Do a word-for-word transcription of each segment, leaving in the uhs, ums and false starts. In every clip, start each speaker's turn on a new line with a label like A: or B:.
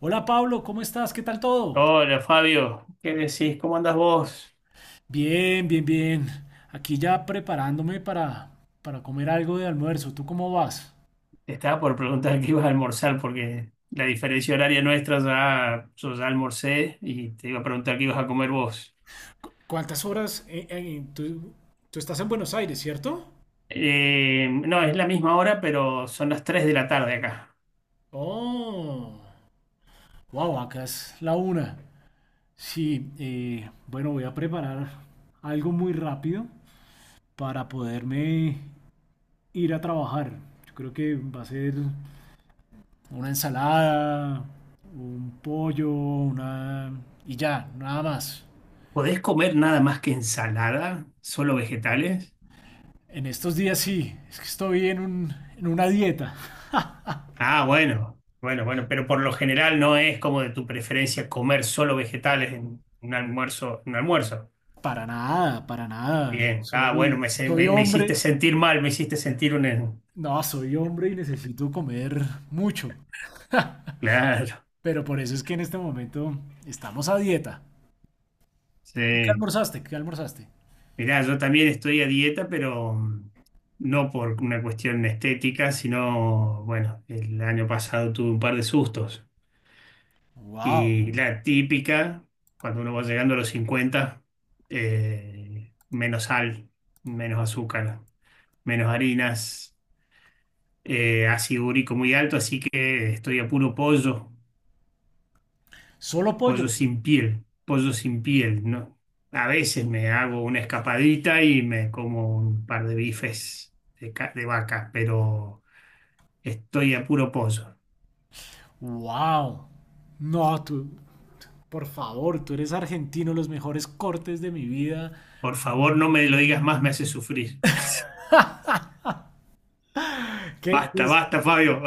A: Hola Pablo, ¿cómo estás? ¿Qué tal todo?
B: Hola Fabio, ¿qué decís? ¿Cómo andás vos?
A: Bien, bien, bien. Aquí ya preparándome para, para comer algo de almuerzo. ¿Tú cómo vas?
B: Te estaba por preguntar qué ibas a almorzar porque la diferencia horaria nuestra ya, yo ya almorcé y te iba a preguntar qué ibas a comer vos.
A: ¿Cuántas horas? eh, eh, tú, tú estás en Buenos Aires, ¿cierto?
B: Eh, no, es la misma hora, pero son las tres de la tarde acá.
A: Oh, wow, acá es la una. Sí, eh, bueno, voy a preparar algo muy rápido para poderme ir a trabajar. Yo creo que va a ser una ensalada, un pollo, una... y ya, nada más.
B: ¿Podés comer nada más que ensalada? ¿Solo vegetales?
A: En estos días sí, es que estoy en un, en una dieta.
B: Ah, bueno, bueno, bueno, pero por lo general no es como de tu preferencia comer solo vegetales en un almuerzo, un almuerzo.
A: Para nada, para nada.
B: Bien, ah, bueno,
A: Soy,
B: me, se-
A: soy
B: me- me hiciste
A: hombre.
B: sentir mal, me hiciste sentir un,
A: No, soy hombre y necesito comer mucho.
B: claro,
A: Pero por eso es que en este momento estamos a dieta. ¿Tú qué
B: sí.
A: almorzaste? ¿Qué almorzaste?
B: Mirá, yo también estoy a dieta, pero mm, no por una cuestión estética, sino, bueno, el año pasado tuve un par de sustos. Y
A: Wow.
B: la típica, cuando uno va llegando a los cincuenta, eh, menos sal, menos azúcar, menos harinas, eh, ácido úrico muy alto, así que estoy a puro pollo.
A: Solo pollo.
B: Pollo sin piel, pollo sin piel, ¿no? A veces me hago una escapadita y me como un par de bifes de, ca- de vaca, pero estoy a puro pollo.
A: Wow. No, tú, por favor, tú eres argentino, los mejores cortes de mi vida.
B: Por favor, no me lo digas más, me hace sufrir.
A: ¿Qué, qué
B: Basta,
A: es,
B: basta, Fabio.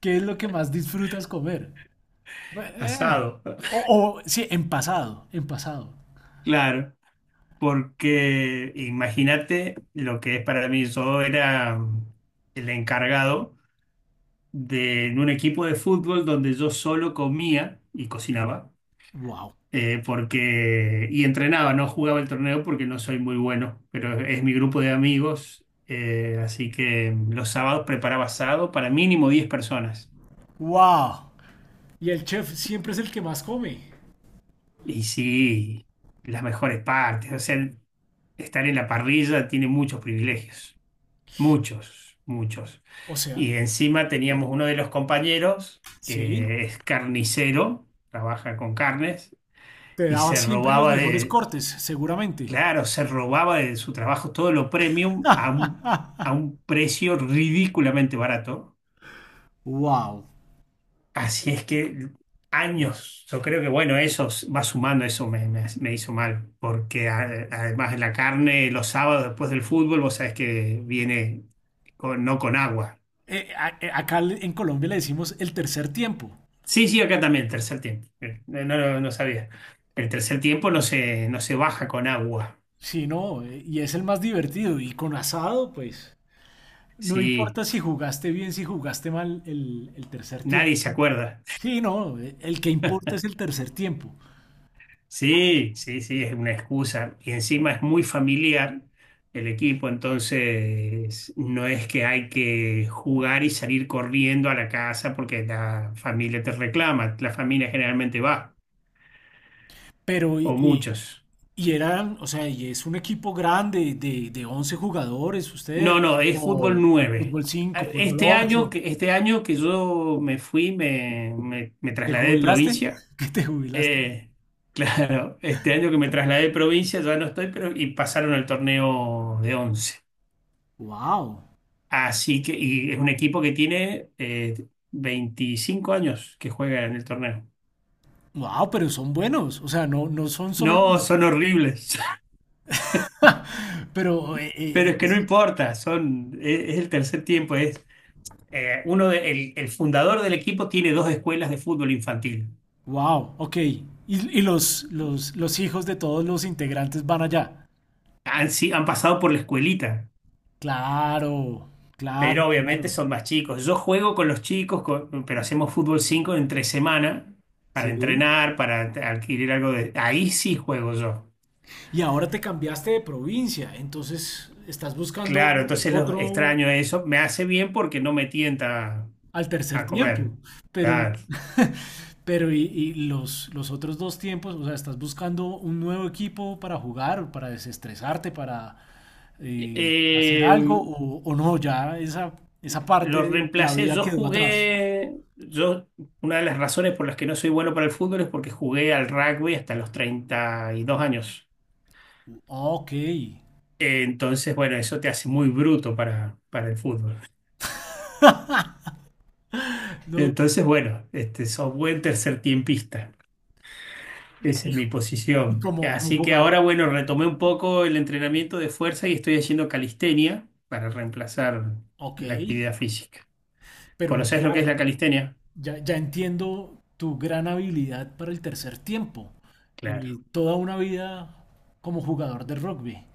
A: qué es lo que más disfrutas comer? Eh.
B: Asado.
A: O, o, sí, en pasado, en pasado.
B: Claro, porque imagínate lo que es para mí. Yo era el encargado de en un equipo de fútbol donde yo solo comía y cocinaba
A: Wow.
B: eh, porque, y entrenaba, no jugaba el torneo porque no soy muy bueno, pero es mi grupo de amigos, eh, así que los sábados preparaba asado para mínimo diez personas.
A: Wow. Y el chef siempre es el que más come.
B: Y sí, las mejores partes, o sea, estar en la parrilla tiene muchos privilegios, muchos, muchos.
A: O sea,
B: Y encima teníamos uno de los compañeros
A: sí,
B: que es carnicero, trabaja con carnes,
A: te
B: y
A: daba
B: se
A: siempre los
B: robaba
A: mejores
B: de,
A: cortes, seguramente.
B: Claro, se robaba de su trabajo todo lo premium a un, a un precio ridículamente barato.
A: Wow.
B: Así es que años, yo creo que bueno, eso s- va sumando, eso me, me- me hizo mal, porque a- además de la carne, los sábados después del fútbol, vos sabés que viene con- no con agua.
A: Eh, a- eh, acá le- en Colombia le decimos el tercer tiempo.
B: Sí, sí, acá también, tercer tiempo. Eh, No, no, no sabía. El tercer tiempo no se, no se baja con agua.
A: Sí, no, eh, y es el más divertido. Y con asado, pues, no
B: Sí,
A: importa si jugaste bien, si jugaste mal el, el tercer tiempo.
B: nadie se acuerda.
A: Sí, no, eh, el que importa es el tercer tiempo.
B: Sí, sí, sí, es una excusa. Y encima es muy familiar el equipo, entonces no es que hay que jugar y salir corriendo a la casa porque la familia te reclama. La familia generalmente va,
A: Pero,
B: o
A: y,
B: muchos.
A: Y eran, o sea, y es un equipo grande de, de once jugadores, ustedes,
B: No, no, es fútbol
A: o, o
B: nueve.
A: fútbol
B: A-
A: cinco fútbol
B: Este año,
A: ocho
B: que- este año que yo me fui, me, me- me
A: ¿Te
B: trasladé de
A: jubilaste?
B: provincia.
A: ¿Qué te jubilaste?
B: eh, claro, este año que me trasladé de provincia ya no estoy, pero y pasaron al torneo de once.
A: Wow,
B: Así que, y es un equipo que tiene eh, veinticinco años que juega en el torneo.
A: wow, pero son buenos, o sea, no, no son solo
B: No,
A: los.
B: son horribles,
A: Pero,
B: pero es que no importa, son, es, es el tercer tiempo, es eh, uno de- el, el fundador del equipo tiene dos escuelas de fútbol infantil.
A: wow, ok. Y, y los, los, los hijos de todos los integrantes van allá.
B: Han, si- Han pasado por la escuelita,
A: Claro, claro,
B: pero obviamente
A: claro.
B: son más chicos. Yo juego con los chicos, con- pero hacemos fútbol cinco entre semana para
A: Sí.
B: entrenar, para adquirir algo de... Ahí sí juego yo.
A: Y ahora te cambiaste de provincia, entonces estás buscando
B: Claro, entonces lo
A: otro,
B: extraño eso. Me hace bien porque no me tienta
A: al tercer
B: a comer.
A: tiempo, pero,
B: Claro.
A: pero, y, y los, los otros dos tiempos, o sea, estás buscando un nuevo equipo para jugar, para desestresarte, para, eh, hacer
B: Eh,
A: algo, o, o no, ya esa, esa parte
B: lo
A: de la
B: reemplacé.
A: vida
B: Yo
A: quedó atrás.
B: jugué. Yo, una de las razones por las que no soy bueno para el fútbol es porque jugué al rugby hasta los treinta y dos años.
A: Ok,
B: Eh, entonces, bueno, eso te hace muy bruto para, para el fútbol.
A: no,
B: Entonces, bueno, este, sos buen tercer tiempista. Esa
A: y,
B: es mi
A: y
B: posición.
A: como, como
B: Así que ahora,
A: jugador,
B: bueno, retomé un poco el entrenamiento de fuerza y estoy haciendo calistenia para reemplazar
A: ok,
B: la actividad física.
A: pero
B: ¿Conoces lo que es
A: claro,
B: la calistenia?
A: ya, ya entiendo tu gran habilidad para el tercer tiempo, eh,
B: Claro,
A: toda una vida como jugador de rugby.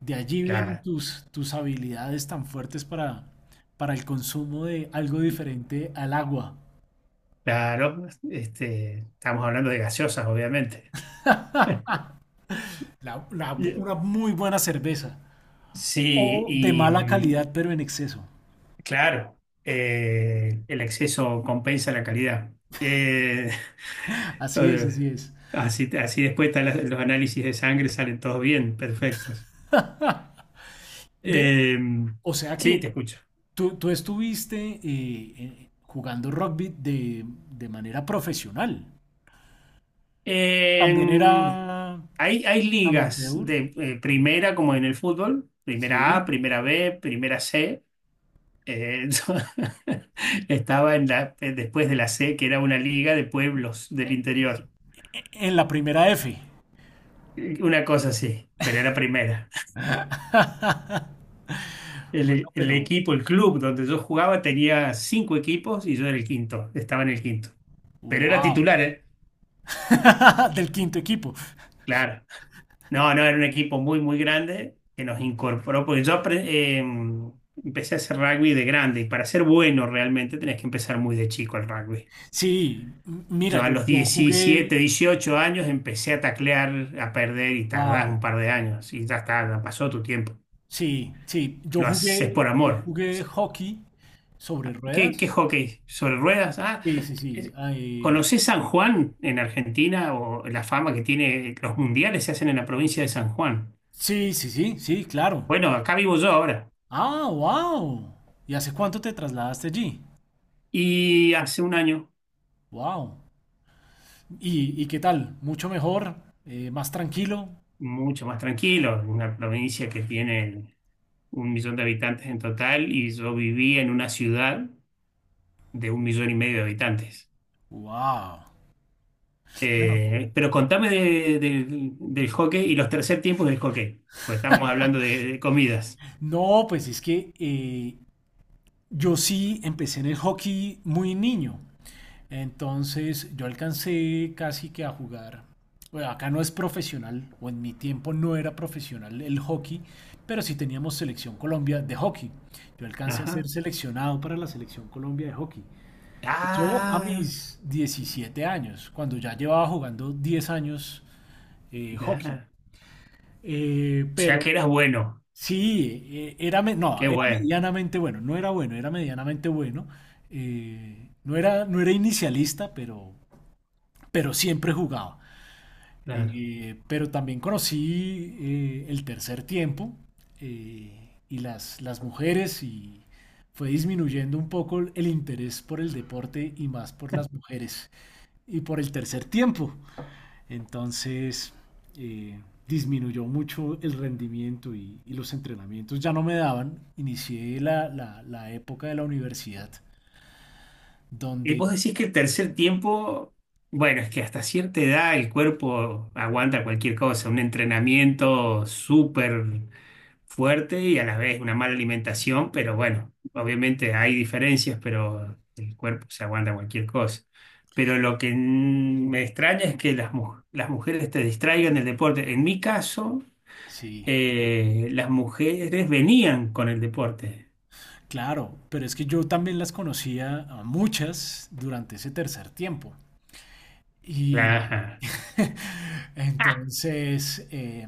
A: De allí vienen
B: claro,
A: tus, tus habilidades tan fuertes para, para el consumo de algo diferente al agua.
B: claro. Este, estamos hablando de gaseosas, obviamente.
A: La- la-
B: Y-
A: una muy buena cerveza.
B: Sí,
A: O de
B: y
A: mala
B: mm,
A: calidad, pero en exceso.
B: claro, eh, el exceso compensa la calidad. Eh,
A: Así es,
B: todo-
A: así es.
B: así, así después están las- los análisis de sangre, salen todos bien, perfectos.
A: Ve,
B: Eh,
A: o sea
B: sí,
A: que
B: te escucho.
A: tú, tú estuviste, eh, eh, jugando rugby de, de manera profesional. También
B: En-
A: era
B: Hay, hay ligas
A: amateur.
B: de eh, primera, como en el fútbol, primera A,
A: Sí.
B: primera B, primera C. Eh, yo estaba en la, eh, después de la C, que era una liga de pueblos del interior.
A: E- En la primera F.
B: Eh, Una cosa así, pero era primera.
A: Bueno,
B: El, el
A: pero
B: equipo, el club donde yo jugaba tenía cinco equipos y yo era el quinto, estaba en el quinto. Pero era
A: wow.
B: titular, ¿eh?
A: Del quinto equipo.
B: Claro. No, no, era un equipo muy, muy grande que nos incorporó, porque yo apre- eh, empecé a hacer rugby de grande y para ser bueno realmente tenés que empezar muy de chico el rugby.
A: Sí, m- mira,
B: Yo a
A: yo,
B: los
A: yo jugué,
B: diecisiete, dieciocho años empecé a taclear, a perder y tardás
A: wow,
B: un par de años y ya está, ya pasó tu tiempo.
A: sí, sí, yo
B: Lo haces
A: jugué,
B: por
A: yo
B: amor.
A: jugué hockey sobre
B: ¿Qué, ¿qué
A: ruedas.
B: hockey? ¿Sobre ruedas? Ah,
A: Sí, sí, sí,
B: es-
A: ay,
B: ¿conocés San Juan en Argentina o la fama que tiene? Los mundiales se hacen en la provincia de San Juan.
A: sí, sí, sí, sí, claro.
B: Bueno, acá vivo yo ahora.
A: Ah, wow. ¿Y hace cuánto te trasladaste allí?
B: Y hace un año,
A: Wow. ¿Y, y qué tal? ¿Mucho mejor? Eh, ¿más tranquilo?
B: mucho más tranquilo, una provincia que tiene un millón de habitantes en total y yo vivía en una ciudad de un millón y medio de habitantes.
A: Wow.
B: Eh, pero contame de- de- del hockey y los tercer tiempos del hockey, pues estamos hablando de, de comidas.
A: No, pues es que eh, yo sí empecé en el hockey muy niño. Entonces yo alcancé casi que a jugar. Bueno, acá no es profesional, o en mi tiempo no era profesional el hockey, pero sí teníamos selección Colombia de hockey. Yo alcancé a ser
B: Ajá.
A: seleccionado para la selección Colombia de hockey. Eso a
B: Ah,
A: mis diecisiete años, cuando ya llevaba jugando diez años eh, hockey.
B: ya.
A: Eh,
B: O sea
A: pero
B: que eras bueno,
A: sí, eh, era, me- no,
B: qué
A: era
B: bueno.
A: medianamente bueno, no era bueno, era medianamente bueno. Eh, no era, no era inicialista, pero, pero siempre jugaba. Eh, pero también conocí, eh, el tercer tiempo, eh, y las, las mujeres y fue disminuyendo un poco el interés por el deporte y más por las mujeres y por el tercer tiempo. Entonces, eh, disminuyó mucho el rendimiento y, y los entrenamientos ya no me daban. Inicié la, la, la época de la universidad
B: Y
A: donde
B: vos decís que el tercer tiempo, bueno, es que hasta cierta edad el cuerpo aguanta cualquier cosa, un entrenamiento súper fuerte y a la vez una mala alimentación, pero bueno, obviamente hay diferencias, pero el cuerpo se aguanta cualquier cosa. Pero lo que mm, me extraña es que las, mu- las mujeres te distraigan del deporte. En mi caso,
A: sí.
B: eh, las mujeres venían con el deporte.
A: Claro, pero es que yo también las conocía a muchas durante ese tercer tiempo. Y
B: Claro.
A: entonces, eh,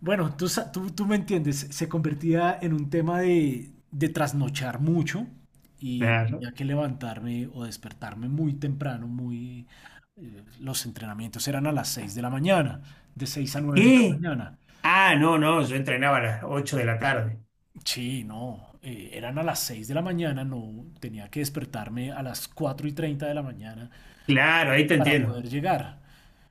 A: bueno, tú, sa- tú, tú me entiendes, se convertía en un tema de, de trasnochar mucho y
B: Claro.
A: tenía que levantarme o despertarme muy temprano, muy... eh, Los entrenamientos eran a las seis de la mañana, de seis a nueve de la
B: ¿Qué?
A: mañana.
B: Ah, no, no, yo entrenaba a las ocho de la tarde.
A: Sí, no, eh, eran a las seis de la mañana, no, tenía que despertarme a las cuatro y treinta de la mañana
B: Claro, ahí te
A: para
B: entiendo.
A: poder llegar.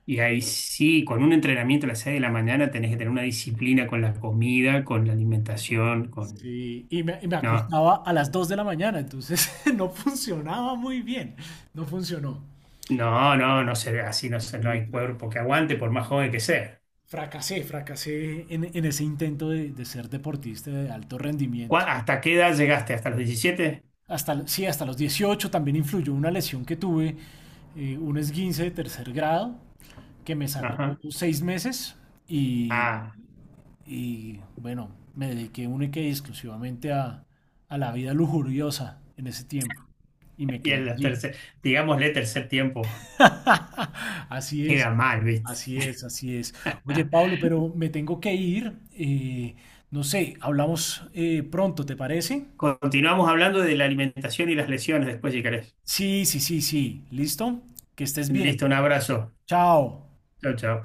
B: Y ahí sí, con un entrenamiento a las seis de la mañana tenés que tener una disciplina con la comida, con la alimentación, con...
A: Sí, y me, y me
B: No,
A: acostaba a las dos de la mañana, entonces no funcionaba muy bien, no funcionó.
B: no, no, no se ve así, no se, no
A: Y
B: hay
A: fra-
B: cuerpo que aguante por más joven que sea.
A: fracasé, fracasé en, en ese intento de, de ser deportista de alto rendimiento.
B: ¿Cuá- ¿Hasta qué edad llegaste? ¿Hasta los diecisiete?
A: Hasta, sí, hasta los dieciocho también influyó una lesión que tuve, eh, un esguince de tercer grado, que me sacó
B: Ajá.
A: seis meses y,
B: Ah,
A: y, bueno, me dediqué única y exclusivamente a, a la vida lujuriosa en ese tiempo y me
B: y
A: quedé
B: en el
A: allí.
B: tercer, digámosle tercer tiempo,
A: Así es,
B: queda mal, ¿viste?
A: así es, así es. Oye, Pablo, pero me tengo que ir. Eh, no sé, hablamos, eh, pronto, ¿te parece?
B: Continuamos hablando de la alimentación y las lesiones después, si querés.
A: Sí, sí, sí, sí. ¿Listo? Que estés bien.
B: Listo, un abrazo.
A: Chao.
B: Chao, chao.